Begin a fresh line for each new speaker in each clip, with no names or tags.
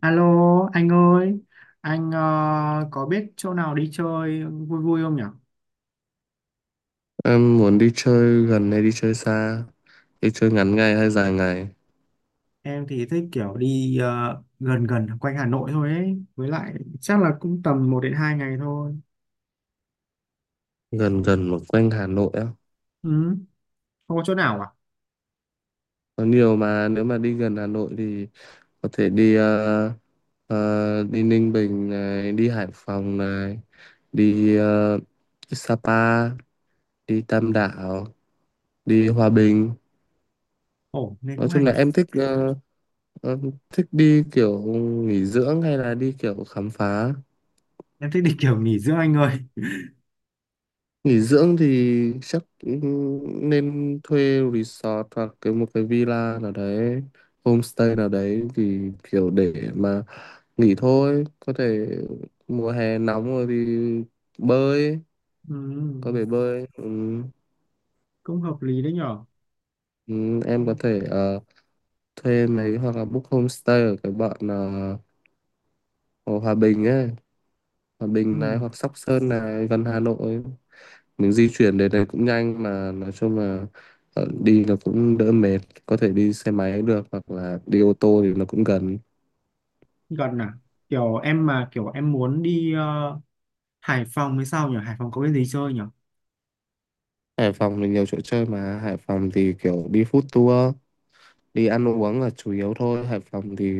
Alo anh ơi, anh có biết chỗ nào đi chơi vui vui không nhỉ?
Em muốn đi chơi gần hay đi chơi xa? Đi chơi ngắn ngày hay dài ngày?
Em thì thích kiểu đi gần gần quanh Hà Nội thôi ấy, với lại chắc là cũng tầm một đến 2 ngày thôi.
Gần gần mà quanh Hà Nội á.
Ừ, không có chỗ nào à?
Có nhiều mà, nếu mà đi gần Hà Nội thì có thể đi Ninh Bình này, đi Hải Phòng này, đi Sapa, đi Tam Đảo, đi Hòa Bình.
Ồ, nên
Nói
cũng hay
chung là
nhỉ.
em ờ, thích đi kiểu nghỉ dưỡng hay là đi kiểu khám phá?
Em thích đi kiểu nghỉ dưỡng anh ơi.
Nghỉ dưỡng thì chắc cũng nên thuê resort hoặc một cái villa nào đấy, homestay nào đấy, thì kiểu để mà nghỉ thôi. Có thể mùa hè nóng rồi thì bơi, có
Ừ,
bể bơi. Ừ,
cũng hợp lý đấy nhở.
ừ, em có thể thuê mấy, hoặc là book homestay ở cái bọn ở Hòa Bình ấy, Hòa
Ừ,
Bình này hoặc Sóc Sơn này, gần Hà Nội. Mình di chuyển đến đấy cũng nhanh, mà nói chung là đi nó cũng đỡ mệt, có thể đi xe máy được hoặc là đi ô tô thì nó cũng gần.
gần à? Kiểu em mà kiểu em muốn đi Hải Phòng hay sao nhỉ? Hải Phòng có cái gì chơi nhỉ?
Hải Phòng thì nhiều chỗ chơi, mà Hải Phòng thì kiểu đi food tour, đi ăn uống là chủ yếu thôi. Hải Phòng thì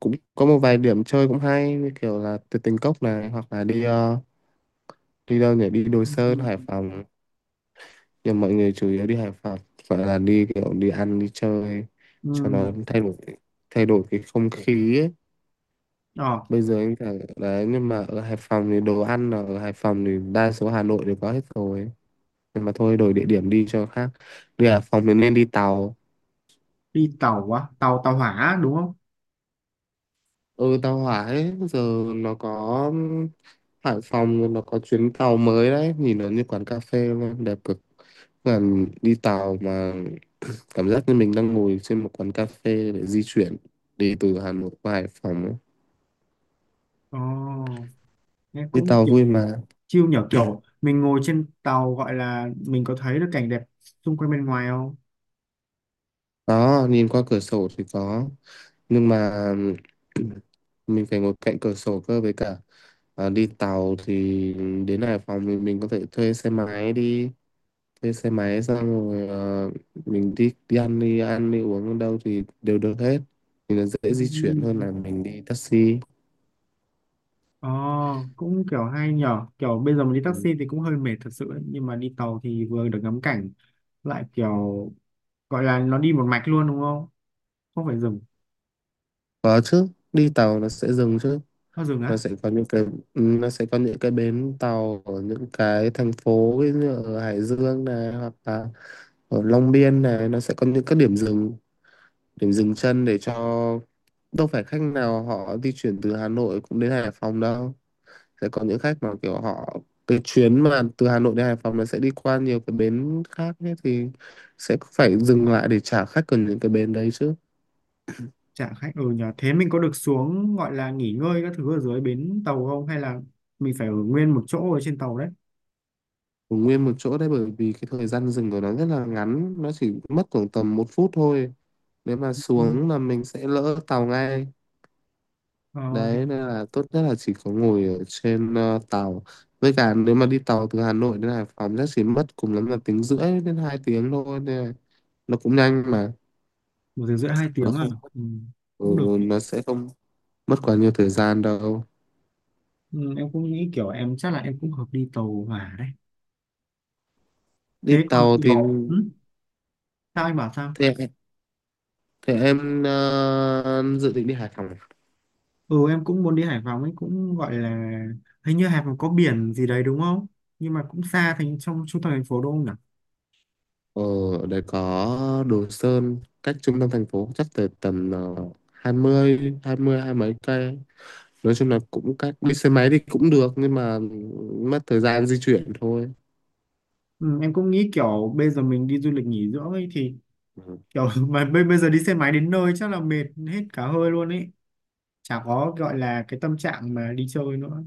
cũng có một vài điểm chơi cũng hay, như kiểu là Tuyệt Tình Cốc này, hoặc là đi đâu nhỉ, đi Đồi
Ừ.
Sơn Hải Phòng. Nhưng mọi người chủ yếu đi Hải Phòng phải là đi kiểu đi ăn đi chơi, cho
Ừ.
nó thay đổi, thay đổi cái không khí ấy.
Ờ,
Bây giờ anh thẳng đấy, nhưng mà ở Hải Phòng thì đồ ăn, là ở Hải Phòng thì đa số Hà Nội đều có hết rồi, nhưng mà thôi, đổi địa điểm đi cho khác. Đi Hải Phòng thì nên đi tàu,
đi tàu á, tàu tàu hỏa đúng không?
ừ, tàu hỏa ấy. Giờ nó có Hải Phòng rồi, nó có chuyến tàu mới đấy, nhìn nó như quán cà phê luôn, đẹp cực. Còn đi tàu mà cảm giác như mình đang ngồi trên một quán cà phê để di chuyển, đi từ Hà Nội qua Hải Phòng ấy.
Ồ, nghe
Đi
cũng
tàu
kiểu
vui mà.
chill nhở, kiểu mình ngồi trên tàu gọi là mình có thấy được cảnh đẹp xung quanh bên ngoài không?
Đó, nhìn qua cửa sổ thì có, nhưng mà mình phải ngồi cạnh cửa sổ cơ. Với cả, à, đi tàu thì đến Hải Phòng thì mình có thể thuê xe máy đi, thuê xe máy xong rồi mình đi đi ăn đi ăn đi uống ở đâu thì đều được hết, thì nó dễ di chuyển hơn
Ừm.
là mình đi taxi.
Ồ, cũng kiểu hay nhở, kiểu bây giờ mình đi
Ừ.
taxi thì cũng hơi mệt thật sự ấy. Nhưng mà đi tàu thì vừa được ngắm cảnh lại kiểu gọi là nó đi một mạch luôn đúng không, không phải dừng?
Có chứ, đi tàu nó sẽ dừng chứ.
Nó dừng
nó
á?
sẽ có những cái nó sẽ có những cái bến tàu ở những cái thành phố, ví dụ như ở Hải Dương này, hoặc là ở Long Biên này, nó sẽ có những cái điểm dừng chân, để cho, đâu phải khách nào họ di chuyển từ Hà Nội cũng đến Hải Phòng đâu, sẽ có những khách mà kiểu họ, cái chuyến mà từ Hà Nội đến Hải Phòng nó sẽ đi qua nhiều cái bến khác ấy, thì sẽ phải dừng lại để trả khách ở những cái bến đấy chứ.
Chả khách, ừ nhờ thế mình có được xuống gọi là nghỉ ngơi các thứ ở dưới bến tàu không, hay là mình phải ở nguyên một chỗ ở trên tàu đấy?
Ở nguyên một chỗ đấy, bởi vì cái thời gian dừng của nó rất là ngắn, nó chỉ mất khoảng tầm 1 phút thôi, nếu mà
Ừ.
xuống là mình sẽ lỡ tàu ngay.
Ờ,
Đấy, nên là tốt nhất là chỉ có ngồi ở trên tàu. Với cả, nếu mà đi tàu từ Hà Nội đến Hải Phòng chắc chỉ mất cùng lắm là tiếng rưỡi đến 2 tiếng thôi, nên là nó cũng nhanh mà.
một tiếng rưỡi hai
nó
tiếng à?
không
Ừ,
ừ,
cũng được nhỉ.
nó sẽ không mất quá nhiều thời gian đâu,
Ừ, em cũng nghĩ kiểu em chắc là em cũng hợp đi tàu hỏa đấy. Thế
đi
còn
tàu thì.
sao anh bảo sao?
Thế, thế em, dự định đi Hải Phòng à?
Ừ, em cũng muốn đi Hải Phòng ấy, cũng gọi là hình như Hải Phòng có biển gì đấy đúng không? Nhưng mà cũng xa thành trong trung tâm thành phố đúng không nhỉ?
Ờ, Ở đấy có Đồ Sơn, cách trung tâm thành phố chắc tới tầm hai mấy cây, nói chung là cũng các đi xe máy thì cũng được, nhưng mà mất thời gian di chuyển thôi.
Ừ, em cũng nghĩ kiểu bây giờ mình đi du lịch nghỉ dưỡng ấy thì
Ừ.
kiểu mà bây bây giờ đi xe máy đến nơi chắc là mệt hết cả hơi luôn ấy, chả có gọi là cái tâm trạng mà đi chơi nữa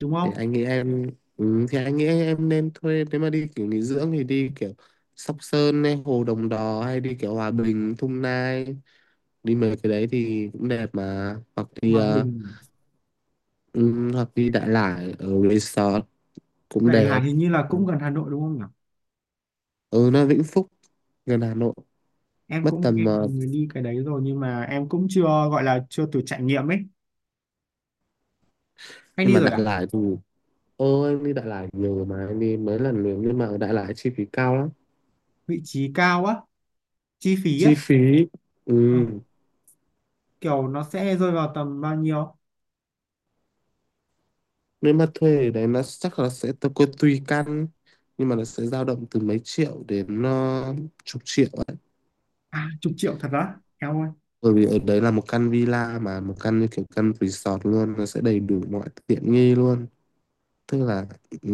đúng
thì
không?
anh nghĩ em thì anh nghĩ em nên thuê, nếu mà đi kiểu nghỉ dưỡng thì đi kiểu Sóc Sơn hay Hồ Đồng Đò, hay đi kiểu Hòa Bình Thung Nai, đi mấy cái đấy thì cũng đẹp mà,
Hòa Bình à?
hoặc đi Đại Lải ở resort cũng
Đại Lạt
đẹp.
hình như là cũng gần Hà Nội đúng không nhỉ?
Ừ, nó Vĩnh Phúc, gần Hà Nội.
Em
mất
cũng
tầm
nghe mọi
ờ,
người đi cái đấy rồi nhưng mà em cũng chưa gọi là chưa thử trải nghiệm ấy. Anh
nhưng
đi
mà
rồi
Đại
à?
Lải thì, ô, em đi Đại Lải nhiều mà, em đi mấy lần liền, nhưng mà ở Đại Lải chi phí cao lắm,
Vị trí cao á? Chi phí
chi
á?
phí.
Ờ,
Ừ.
kiểu nó sẽ rơi vào tầm bao nhiêu?
Nếu mà thuê ở đấy nó chắc là sẽ tùy tùy căn, nhưng mà nó sẽ dao động từ mấy triệu đến chục triệu ấy,
À, chục triệu thật á em ơi?
bởi vì ở đấy là một căn villa, mà một căn như kiểu căn resort luôn, nó sẽ đầy đủ mọi tiện nghi luôn, tức là ừ,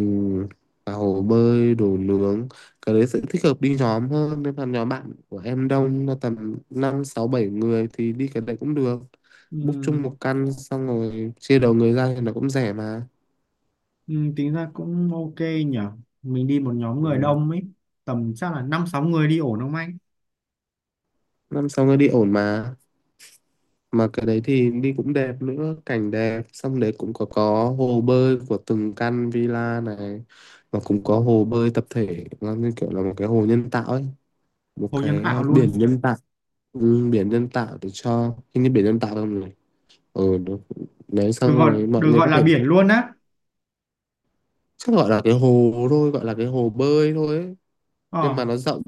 cả hồ bơi, đồ nướng. Cái đấy sẽ thích hợp đi nhóm hơn, nếu mà nhóm bạn của em đông là tầm năm sáu bảy người thì đi cái đấy cũng được,
Ừ,
book chung một căn xong rồi chia đầu người ra thì nó cũng rẻ mà.
ừ, tính ra cũng ok nhở, mình đi một nhóm người
Ừ.
đông ấy, tầm chắc là năm sáu người đi ổn không anh?
Năm sau nó đi ổn mà cái đấy thì đi cũng đẹp nữa, cảnh đẹp, xong đấy cũng có hồ bơi của từng căn villa này, và cũng có hồ bơi tập thể, nó như kiểu là một cái hồ nhân tạo ấy, một
Hồ nhân
cái
tạo
biển
luôn?
nhân tạo. Ừ, biển nhân tạo để cho, hình như biển nhân tạo không này. Ừ, đúng. Đấy,
Được
xong
gọi,
rồi mọi
được
người
gọi
có
là
thể,
biển luôn á?
chắc gọi là cái hồ thôi, gọi là cái hồ bơi thôi ấy. Nhưng
Ờ,
mà nó rộng,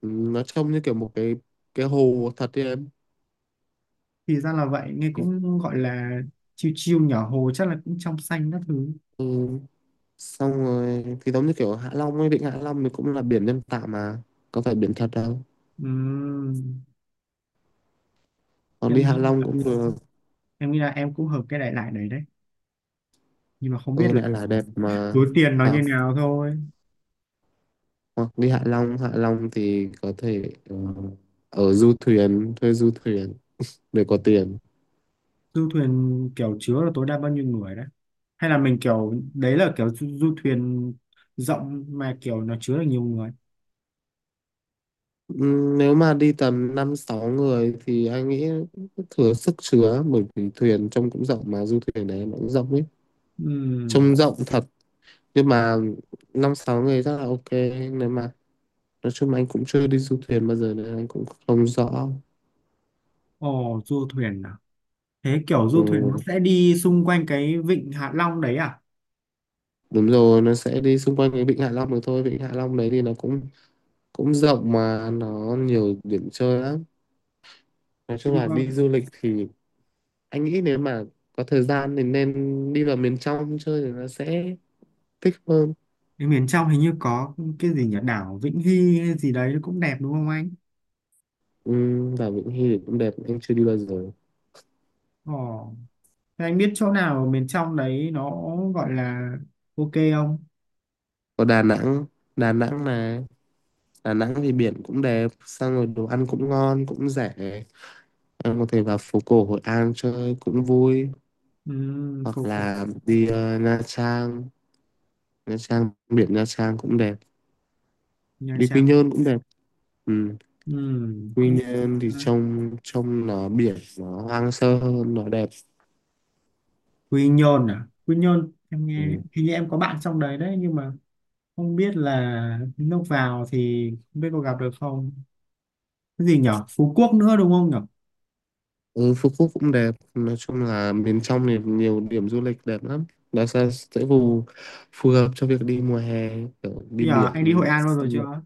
nó trông như kiểu một cái hồ thật đấy em.
thì ra là vậy, nghe cũng gọi là chiêu chiêu nhỏ, hồ chắc là cũng trong xanh các thứ.
Ừ, xong rồi thì giống như kiểu Hạ Long ấy, vịnh Hạ Long thì cũng là biển nhân tạo mà, có phải biển thật đâu.
Ừ.
Còn đi
Em
Hạ
nghĩ
Long
là,
cũng được.
em nghĩ là em cũng hợp cái đại loại đấy đấy, nhưng mà không biết
Ừ,
là
đã là đẹp mà,
túi tiền nó như
hoặc,
nào thôi.
hoặc đi Hạ Long. Hạ Long thì có thể ở du thuyền, thuê du thuyền để có tiền.
Du thuyền kiểu chứa là tối đa bao nhiêu người đấy, hay là mình kiểu đấy là kiểu du thuyền rộng mà kiểu nó chứa được nhiều người?
Nếu mà đi tầm năm sáu người thì anh nghĩ thừa sức chứa, bởi vì thuyền trông cũng rộng mà, du thuyền đấy nó cũng rộng ấy,
Ừm,
trông rộng thật. Nhưng mà năm sáu người rất là ok, nếu mà, nói chung là anh cũng chưa đi du thuyền bao giờ nên anh cũng không rõ.
ồ du thuyền à? Thế kiểu du thuyền nó
Ừ,
sẽ đi xung quanh cái vịnh Hạ Long đấy à?
đúng rồi, nó sẽ đi xung quanh cái vịnh Hạ Long được thôi. Vịnh Hạ Long đấy thì nó cũng cũng rộng mà, nó nhiều điểm chơi lắm. Nói chung
Đi
là
qua
đi du lịch thì anh nghĩ, nếu mà có thời gian thì nên đi vào miền trong chơi, thì nó sẽ thích hơn.
cái miền trong hình như có cái gì nhỉ, đảo Vĩnh Hy hay gì đấy nó cũng đẹp đúng không anh?
Ừ, và Vịnh Hy thì cũng đẹp, anh chưa đi bao giờ.
Ồ. Thế anh biết chỗ nào ở miền trong đấy nó gọi là ok không?
Có Đà Nẵng, Đà Nẵng này. Đà Nẵng thì biển cũng đẹp, xong rồi đồ ăn cũng ngon cũng rẻ, em có thể vào phố cổ Hội An chơi cũng vui,
Ừ,
hoặc
phục phục
là Nha Trang. Nha Trang biển, Nha Trang cũng đẹp,
Nha
đi Quy
Trang.
Nhơn cũng đẹp. Ừ.
Ừ,
Quy
cũng
Nhơn thì trông trông nó biển, nó hoang sơ hơn, nó đẹp.
Quy Nhơn à? Quy Nhơn em nghe
Ừ.
hình như em có bạn trong đấy đấy nhưng mà không biết là lúc vào thì không biết có gặp được không. Cái gì nhở? Phú Quốc nữa đúng không nhở?
Ừ, Phú Quốc cũng đẹp. Nói chung là miền trong thì nhiều điểm du lịch đẹp lắm, nó sẽ phù phù hợp cho việc đi mùa hè, kiểu đi
Bây giờ anh đi Hội
biển
An bao giờ
xong rồi-
chưa?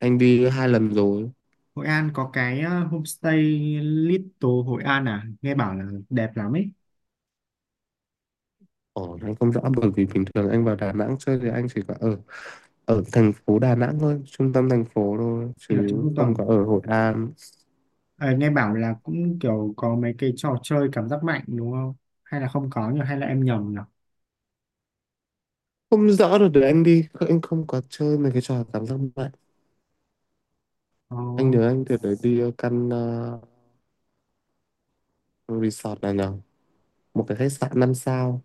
Anh đi 2 lần rồi.
Hội An có cái homestay Little Hội An à? Nghe bảo là đẹp lắm ấy.
Ồ, anh không rõ, bởi vì bình thường anh vào Đà Nẵng chơi thì anh chỉ có ở ở thành phố Đà Nẵng thôi, trung tâm thành phố thôi
Ở trong
chứ
trung
không có
tâm.
ở Hội An.
Ờ, nghe bảo là cũng kiểu có mấy cái trò chơi cảm giác mạnh đúng không? Hay là không có nhỉ? Hay là em nhầm nhỉ?
Không rõ được, để anh đi, anh không có chơi mấy cái trò cảm giác mạnh.
Ờ,
Anh nhớ anh từ đấy đi resort này nhở, một cái khách sạn 5 sao.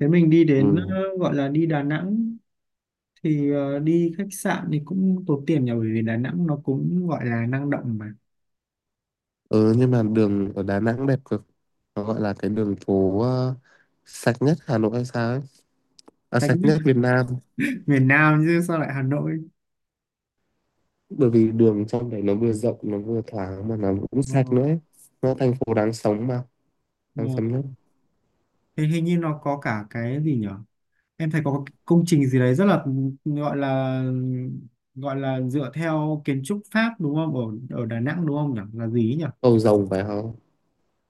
thế mình đi đến
Ừ.
ờ, gọi là đi Đà Nẵng thì đi khách sạn thì cũng tốn tiền nhỉ, bởi vì Đà Nẵng nó cũng gọi là năng động mà.
Ừ, nhưng mà đường ở Đà Nẵng đẹp cực, nó gọi là cái đường phố sạch nhất Hà Nội hay sao ấy, à,
Tách
sạch
với
nhất Việt Nam.
miền Nam chứ sao lại Hà Nội.
Bởi vì đường trong đấy nó vừa rộng, nó vừa thoáng, mà nó cũng
Ờ,
sạch nữa ấy. Nó thành phố đáng sống mà, đáng sống
ờ.
nhất.
Thế hình như nó có cả cái gì nhỉ, em thấy có cái công trình gì đấy rất là gọi là, gọi là dựa theo kiến trúc Pháp đúng không, ở ở Đà Nẵng đúng không nhỉ, là gì ấy nhỉ?
Cầu rồng phải không,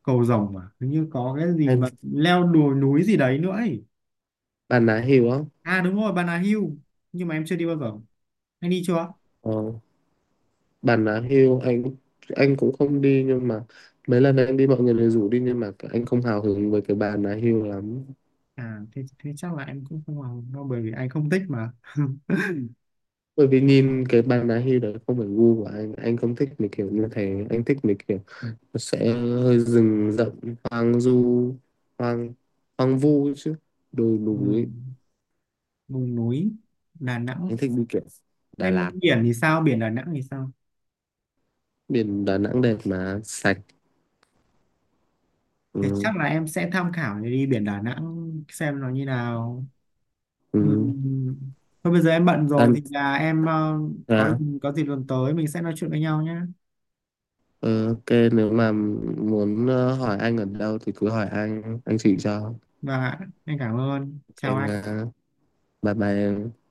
Cầu rồng mà hình như có cái gì
hay
mà leo đồi núi gì đấy nữa ấy.
Bà Nà Hills á?
À đúng rồi, Bà Nà Hill, nhưng mà em chưa đi bao giờ, anh đi chưa?
ờ, Bà Nà Hills anh cũng không đi, nhưng mà mấy lần anh đi mọi người đều rủ đi, nhưng mà anh không hào hứng với cái Bà Nà Hills lắm,
À thế, thế chắc là em cũng không vào đâu bởi vì anh không thích mà
bởi vì nhìn cái Bà Nà Hills đấy không phải gu của anh không thích mấy kiểu như thế. Anh thích mấy kiểu nó sẽ hơi rừng rậm, hoang du, hoang hoang vu ấy chứ, đồi
ừ,
núi.
vùng núi Đà Nẵng.
Anh thích đi kiểu Đà
Em
Lạt.
biển thì sao, biển Đà Nẵng thì sao?
Biển Đà Nẵng đẹp mà sạch.
Thì
Ừ.
chắc là em sẽ tham khảo để đi biển Đà Nẵng xem nó như nào. Ừ.
Ừ.
Thôi bây giờ em bận rồi thì là em có
Đà,
có gì lần tới mình sẽ nói chuyện với nhau nhé.
Ờ, ok. Nếu mà muốn hỏi anh ở đâu thì cứ hỏi anh chỉ cho
Và anh cảm ơn, chào
em ha.
anh.
Bye bye em.